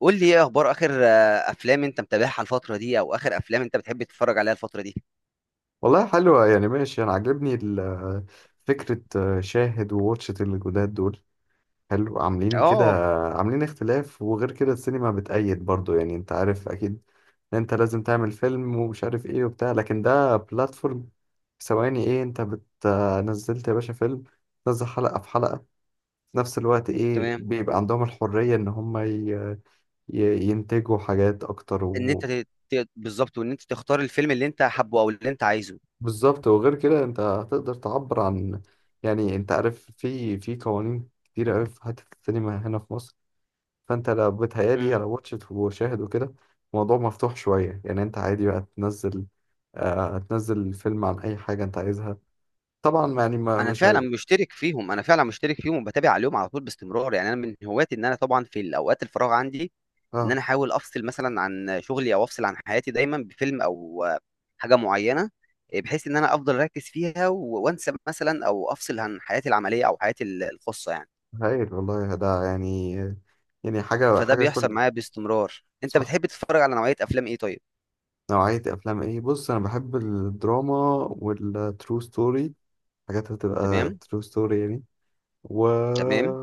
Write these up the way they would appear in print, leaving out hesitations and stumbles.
قول لي ايه اخبار اخر افلام انت متابعها الفتره دي او اخر افلام انت بتحب تتفرج عليها الفتره دي. والله حلوة يعني ماشي. أنا عاجبني فكرة شاهد وواتشت الجداد دول. حلو، عاملين كده، اه. عاملين اختلاف. وغير كده السينما بتأيد برضو، يعني أنت عارف أكيد إن أنت لازم تعمل فيلم ومش عارف إيه وبتاع، لكن ده بلاتفورم. ثواني إيه، أنت بت نزلت يا باشا فيلم، تنزل حلقة في حلقة في نفس الوقت. إيه، تمام. بيبقى عندهم الحرية إن هم ينتجوا حاجات أكتر. ان انت ت- ت- بالظبط، وان انت تختار الفيلم اللي انت حابه او اللي انت عايزه. بالظبط، وغير كده انت هتقدر تعبر عن، يعني انت عارف، في قوانين كتير قوي في حتة السينما هنا في مصر. فانت لو بتهيألي امم لو واتشت وشاهد وكده، الموضوع مفتوح شوية، يعني انت عادي بقى تنزل، آه تنزل الفيلم عن اي حاجة انت عايزها طبعا، يعني ما انا مش فعلا هي. مشترك فيهم، وبتابع عليهم على طول باستمرار، يعني انا من هواياتي ان انا طبعا في الاوقات الفراغ عندي ان اه، انا احاول افصل مثلا عن شغلي او افصل عن حياتي دايما بفيلم او حاجه معينه، بحيث ان انا افضل اركز فيها وانسى مثلا او افصل عن حياتي العمليه او حياتي الخاصه يعني. هايل والله، ده يعني، يعني حاجة فده حاجة بيحصل كل. معايا باستمرار. انت صح. بتحب تتفرج على نوعية افلام ايه طيب؟ نوعية افلام ايه؟ بص انا بحب الدراما والترو ستوري، حاجات هتبقى تمام. ترو ستوري يعني. و تمام.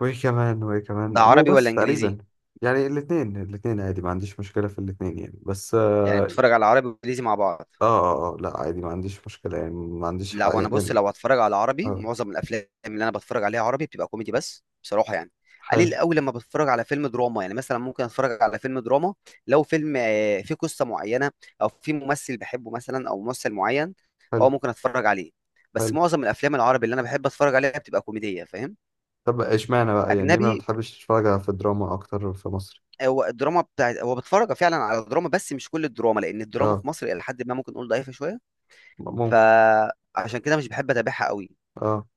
وايه كمان ده مو عربي ولا بس تقريبا. انجليزي؟ يعني الاثنين عادي، ما عنديش مشكلة في الاثنين يعني، بس يعني اه. بتتفرج على عربي وانجليزي مع بعض؟ لا عادي، ما عنديش مشكلة يعني، ما عنديش لا، حق وانا بص، يعني. لو هتفرج على عربي، اه. معظم الافلام اللي انا بتفرج عليها عربي بتبقى كوميدي بس بصراحة يعني. قليل حلو قوي لما بتفرج على فيلم دراما، يعني مثلا ممكن اتفرج على فيلم دراما لو فيلم فيه قصة معينة، او في ممثل بحبه مثلا او ممثل معين. حلو اه ممكن اتفرج عليه. بس حلو. معظم الافلام العربي اللي انا بحب اتفرج عليها بتبقى كوميدية فاهم. طب اشمعنى بقى، يعني ليه ما اجنبي. بتحبش تتفرج في الدراما اكتر في مصر؟ هو الدراما بتاعت، هو بتفرج فعلا على دراما بس مش كل الدراما، لان الدراما اه، في مصر الى حد ما ممكن نقول ضعيفه شويه. ممكن. فعشان كده مش بحب اتابعها قوي. اه.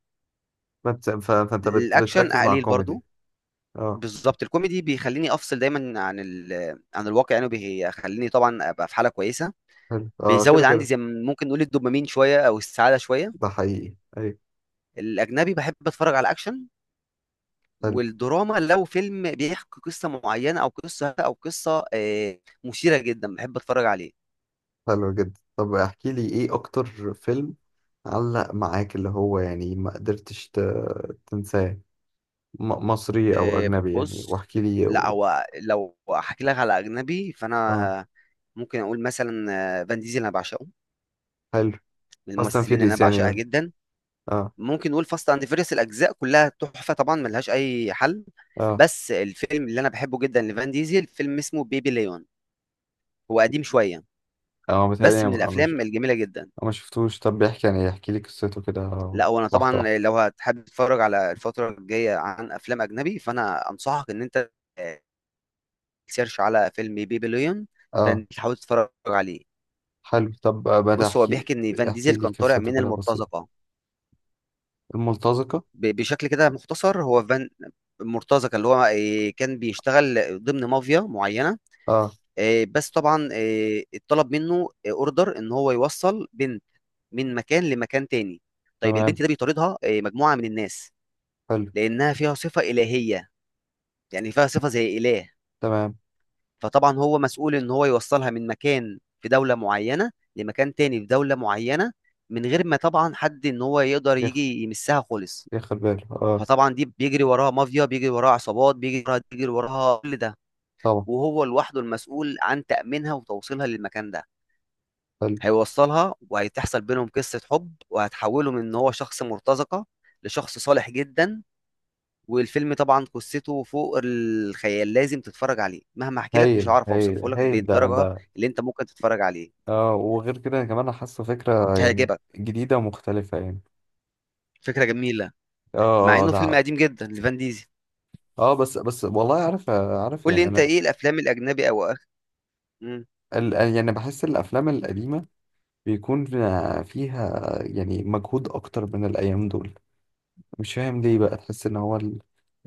فانت الاكشن بتركز مع قليل الكوميدي. برضو. اه. بالظبط، الكوميدي بيخليني افصل دايما عن عن الواقع، يعني بيخليني طبعا ابقى في حاله كويسه. حلو، اه، كده بيزود عندي كده. زي ما ممكن نقول الدوبامين شويه او السعاده شويه. ده حقيقي، ايوه. الاجنبي بحب اتفرج على الاكشن، والدراما لو فيلم بيحكي قصه معينه، او قصه مثيره جدا بحب اتفرج عليه. حلو جدا. طب احكي لي ايه اكتر فيلم علق معاك، اللي هو يعني ما قدرتش تنساه. مصري او اجنبي يعني، بص، واحكي لي لا و... هو لو هحكي لك على اجنبي اه. فانا ممكن اقول مثلا فان ديزل انا بعشقه، حلو. من فاست اند الممثلين اللي انا فيريس يعني بعشقها ولا؟ جدا. اه ممكن نقول فاست اند فيريس الاجزاء كلها تحفه طبعا ملهاش اي حل. اه بس الفيلم اللي انا بحبه جدا لفان ديزل فيلم اسمه بيبي ليون. هو قديم شويه اه، متهيألي بس أنا من ما مش... الافلام الجميله جدا. ما شفتوش. طب بيحكي، يعني احكي لي قصته كده، لا وانا واحدة واحدة. طبعا لو هتحب تتفرج على الفتره الجايه عن افلام اجنبي، فانا انصحك ان انت آه، تسيرش على فيلم بيبي ليون. اه. فانت تحاول تتفرج عليه. حلو. طب ما بص، هو تحكي، بيحكي ان فان احكي ديزل لي كان طالع قصته من كده بسيط. المرتزقه. الملتزقة. بشكل كده مختصر، هو فان المرتزقه، اللي هو كان بيشتغل ضمن مافيا معينه. اه. بس طبعا اتطلب منه اوردر ان هو يوصل بنت من مكان لمكان تاني. طيب تمام. البنت ده بيطاردها مجموعه من الناس حلو. لانها فيها صفه الهيه، يعني فيها صفه زي اله. تمام. فطبعا هو مسؤول ان هو يوصلها من مكان في دوله معينه لمكان تاني في دوله معينه، من غير ما طبعا حد ان هو يقدر ياخد، يجي يمسها خالص. ياخد باله اه. فطبعا دي بيجري وراها مافيا، بيجري وراها عصابات، بيجري وراها، كل ده. طبعا. وهو لوحده المسؤول عن تأمينها وتوصيلها للمكان ده. حلو. هيوصلها وهتحصل بينهم قصة حب، وهتحوله من ان هو شخص مرتزقة لشخص صالح جدا. والفيلم طبعا قصته فوق الخيال، لازم تتفرج عليه. مهما احكي لك مش هايل هعرف هايل اوصفه لك هايل، ده بالدرجة ده اللي انت ممكن تتفرج عليه. اه، وغير كده أنا كمان حاسه فكرة يعني، هيعجبك. جديدة ومختلفة يعني. فكرة جميلة اه مع اه، انه ده. فيلم قديم جدا لفان ديزل. اه، بس بس والله عارف، قول لي يعني انت انا ايه الافلام الاجنبي مم. يعني بحس الافلام القديمة بيكون فيها يعني مجهود اكتر من الايام دول. مش فاهم ليه بقى، تحس ان هو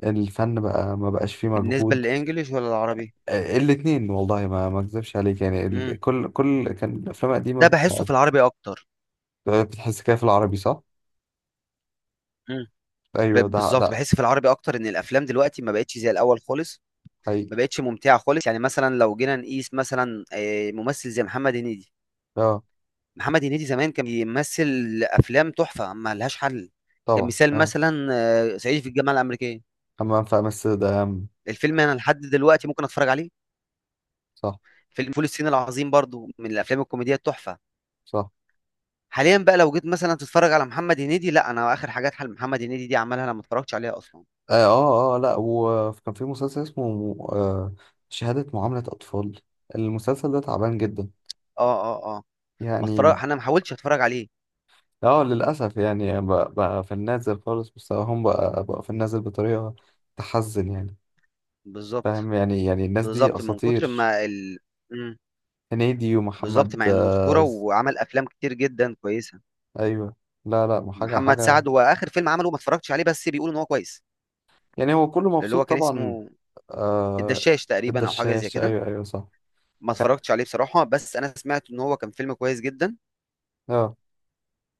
الفن بقى ما بقاش فيه بالنسبة مجهود. للانجليش ولا العربي؟ الاتنين والله، ما اكذبش عليك يعني، كل كان الافلام القديمة ده بحسه بتاعت- في العربي اكتر. بتحس كده في العربي صح؟ مم. ايوه، ده بالظبط، ده بحس في العربي اكتر ان الافلام دلوقتي ما بقتش زي الاول خالص. ما حقيقي. بقتش ممتعه خالص. يعني مثلا لو جينا نقيس مثلا ممثل زي محمد هنيدي، اه محمد هنيدي زمان كان بيمثل افلام تحفه ما لهاش حل. طبعا، كمثال اه مثلا صعيدي في الجامعه الامريكيه، حمام في امستردام ده اهم. الفيلم انا لحد دلوقتي ممكن اتفرج عليه. صح. فيلم فول الصين العظيم برضو من الافلام الكوميديه التحفه. صح. حاليا بقى لو جيت مثلا تتفرج على محمد هنيدي، لا انا اخر حاجات حل محمد هنيدي دي عملها انا ما اتفرجتش عليها اصلا. اه، لا وكان في مسلسل اسمه شهادة معاملة اطفال، المسلسل ده تعبان جدا اه اه اه. ما يعني. اتفرج، انا ما حاولتش اتفرج عليه. اه للاسف. يعني بقى في النازل خالص، مستواهم بقى في النازل بطريقة تحزن يعني. بالظبط. فاهم، يعني الناس دي بالظبط من كتر اساطير. ما مم. هنيدي بالظبط، ومحمد مع انه اسطوره آه. وعمل افلام كتير جدا كويسه. ايوه. لا لا، حاجة محمد حاجة سعد هو اخر فيلم عمله ما اتفرجتش عليه بس بيقولوا ان هو كويس، يعني هو كله اللي هو مبسوط كان طبعا. اسمه آه، الدشاش تقريبا او حاجه زي الدشاش، كده. ايوه ايوه صح. ما اتفرجتش عليه بصراحه، بس انا سمعت ان هو كان فيلم كويس جدا. اه.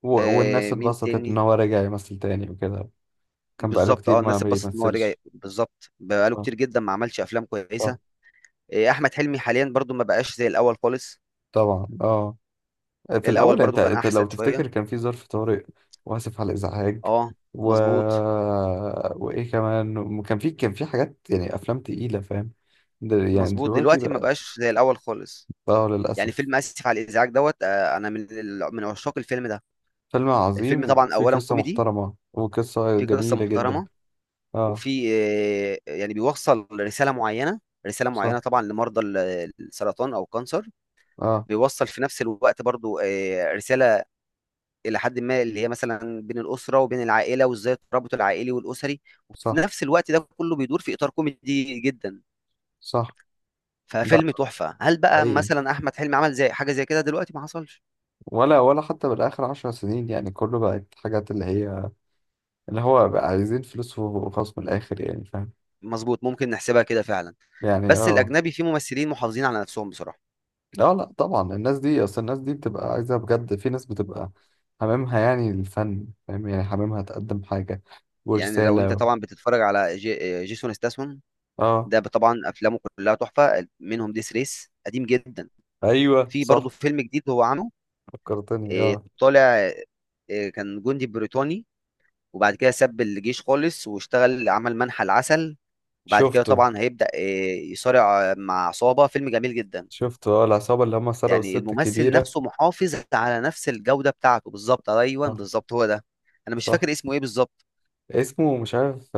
و... والناس آه مين اتبسطت ان تاني. هو رجع يمثل تاني وكده. كان بقاله بالظبط، اه كتير ما الناس اتبسطت ان هو رجع، بيمثلش. بالظبط بقاله اه. كتير جدا ما عملش افلام طب. كويسه. آه احمد حلمي حاليا برضو ما بقاش زي الاول خالص. طبعا اه. في الاول الاول، انت برضو كان انت لو احسن تفتكر شويه. كان في ظرف طارئ، واسف على الازعاج، اه و... مظبوط. وايه كمان، كان في حاجات يعني، افلام تقيلة فاهم. يعني مظبوط، دلوقتي دلوقتي ما بقى. بقاش زي الاول خالص. اه يعني للاسف. فيلم اسف على الازعاج دوت انا من من عشاق الفيلم ده. فيلم عظيم، الفيلم طبعا وفي اولا قصة كوميدي، محترمة وقصة في قصه جميلة جدا. محترمه، اه. وفي يعني بيوصل رساله معينه، رساله صح. معينه طبعا لمرضى السرطان او الكانسر. اه. بيوصل في نفس الوقت برضو رساله الى حد ما اللي هي مثلا بين الاسره وبين العائله، وازاي الترابط العائلي والاسري، وفي صح. نفس الوقت ده كله بيدور في اطار كوميدي جدا. صح. ده ففيلم تحفه. هل بقى حقيقي. مثلا احمد حلمي عمل زي حاجه زي كده دلوقتي؟ ما حصلش. ولا حتى بالآخر 10 سنين، يعني كله بقت حاجات اللي هي، اللي هو بقى عايزين فلوس وخلاص من الآخر، يعني فاهم مظبوط، ممكن نحسبها كده فعلا. يعني. بس اه. الاجنبي فيه ممثلين محافظين على نفسهم بصراحه. لا لا طبعا، الناس دي أصل الناس دي بتبقى عايزة بجد، في ناس بتبقى حمامها يعني الفن، فاهم يعني حمامها تقدم حاجة يعني لو ورسالة انت و... طبعا بتتفرج على جي... آه، جيسون ستاثام، اه. ده طبعا افلامه كلها تحفه، منهم ديس ريس قديم جدا. أيوه في برضه صح. فيلم جديد هو عامله، فكرتني اه. طالع، كان جندي بريطاني وبعد كده ساب الجيش خالص واشتغل عمل منحى العسل، وبعد كده شفته. طبعا هيبدأ يصارع مع عصابة. فيلم جميل جدا. شفته اه، العصابة اللي هم سرقوا يعني الست الممثل كبيرة. نفسه محافظ على نفس الجودة بتاعته. بالظبط، ايوه صح. بالظبط هو ده. انا مش صح. فاكر اسمه ايه بالظبط. اسمه مش عارف،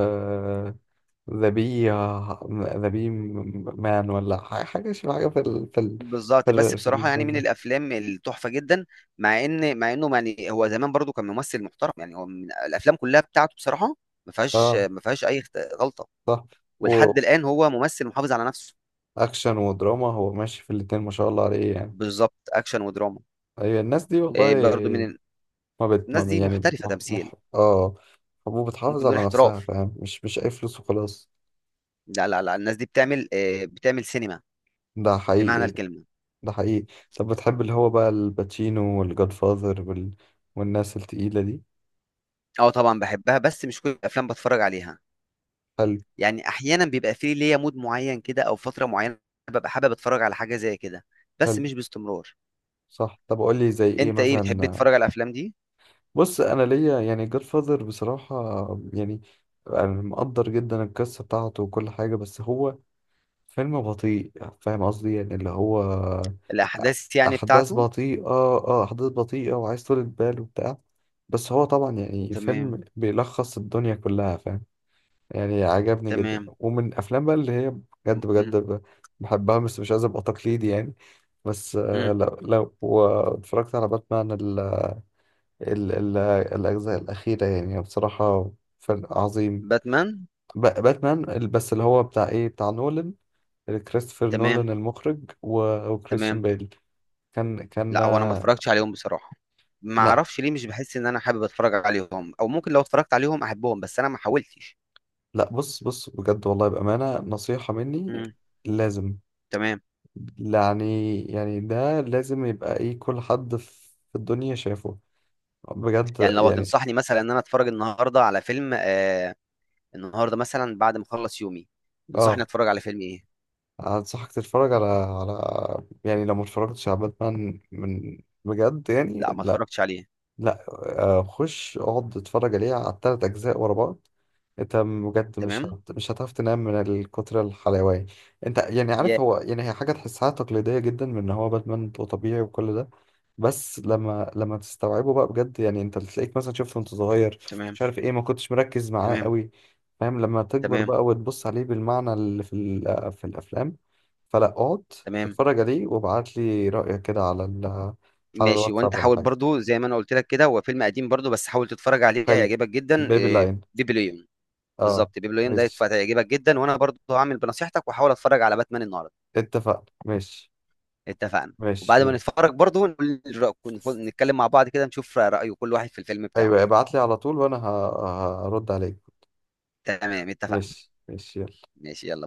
ذا بي، ذا بي مان ولا حاجة شبه حاجة في ال في ال في بالظبط، بس ال في بصراحة يعني ال من ده. الافلام التحفة جدا. مع انه يعني هو زمان برضو كان ممثل محترم، يعني هو من الافلام كلها بتاعته بصراحة اه. ما فيهاش اي غلطة. صح. ولحد الان هو ممثل محافظ على نفسه. وأكشن ودراما، هو ماشي في الاتنين ما شاء الله عليه يعني. بالظبط، اكشن ودراما. أيوة الناس دي برضو من والله ما بت الناس ما دي يعني محترفة مح تمثيل. مح اه، وبتحافظ ممكن نقول على نفسها، احتراف. فاهم مش أي فلوس وخلاص. لا لا لا، الناس دي بتعمل إيه، بتعمل سينما ده بمعنى حقيقي. الكلمة. ده حقيقي. طب بتحب اللي هو بقى الباتشينو والجاد فاذر وال... والناس التقيلة دي. اه طبعا بحبها بس مش كل الافلام بتفرج عليها. حلو. يعني احيانا بيبقى في ليا مود معين كده او فتره معينه ببقى حابب اتفرج على حاجه زي كده، بس حلو. مش باستمرار. صح. طب قول لي زي ايه انت ايه بتحب مثلا. تتفرج على الافلام دي؟ بص انا ليا يعني جاد فاذر بصراحه، يعني انا مقدر جدا القصه بتاعته وكل حاجه، بس هو فيلم بطيء، فاهم قصدي، يعني اللي هو الاحداث يعني احداث بتاعته. بطيئه، اه احداث بطيئه وعايز طولة بال وبتاع. بس هو طبعا يعني تمام. فيلم بيلخص الدنيا كلها، فاهم يعني. عجبني جدا، تمام. ومن الافلام بقى اللي هي م- بجد م- بحبها، بس مش عايز ابقى تقليدي يعني. بس م. لو واتفرجت على باتمان ال ال الأجزاء الأخيرة، يعني بصراحة فن عظيم. باتمان. باتمان، بس اللي هو بتاع إيه، بتاع نولان، كريستوفر نولان تمام. المخرج وكريستيان تمام. بيل. كان كان لا هو انا ما اتفرجتش عليهم بصراحه. ما لا اعرفش ليه، مش بحس ان انا حابب اتفرج عليهم، او ممكن لو اتفرجت عليهم احبهم بس انا ما حاولتش. لا، بص بص بجد والله، بأمانة نصيحة مني، م. لازم تمام. يعني، يعني ده لازم يبقى إيه، كل حد في الدنيا شافه، بجد يعني لو يعني. هتنصحني مثلا ان انا اتفرج النهارده على فيلم آه، النهارده مثلا بعد ما اخلص يومي، تنصحني اه. اتفرج على فيلم ايه؟ أنصحك تتفرج على على، يعني لو ما اتفرجتش على باتمان، من بجد يعني لا ما لا. اتفرجتش عليه. لا خش اقعد اتفرج عليه، على الـ3 اجزاء ورا بعض. انت بجد تمام. مش هتعرف تنام من الكتر الحلاوه. انت يعني يا. عارف، هو يعني هي حاجه تحسها تقليديه جدا، من ان هو باتمان وطبيعي وكل ده، بس لما تستوعبه بقى بجد يعني، انت تلاقيك مثلا شفته وانت صغير، تمام. مش عارف ايه، ما كنتش مركز معاه تمام. قوي، فاهم. لما تكبر تمام. بقى وتبص عليه بالمعنى اللي في ال... في الافلام، فلا اقعد تمام. اتفرج عليه وابعت لي رايك كده على ال... على ماشي، الواتساب وانت ولا حاول حاجه. برضو زي ما انا قلت لك كده، هو فيلم قديم برضو بس حاول تتفرج عليه حلو. هيعجبك جدا، بيبي لاين. بيبليون. اه. بالظبط، بيبليون ده ماشي، هيعجبك جدا، وانا برضو هعمل بنصيحتك واحاول اتفرج على باتمان النهارده. اتفقنا. ماشي اتفقنا. وبعد ماشي ما يلا. نتفرج برضو نتكلم مع بعض كده، نشوف رأي كل واحد في الفيلم بتاعه. ايوه ابعت لي على طول وانا هرد عليك. تمام اتفقنا. ماشي ماشي يلا. ماشي يلا.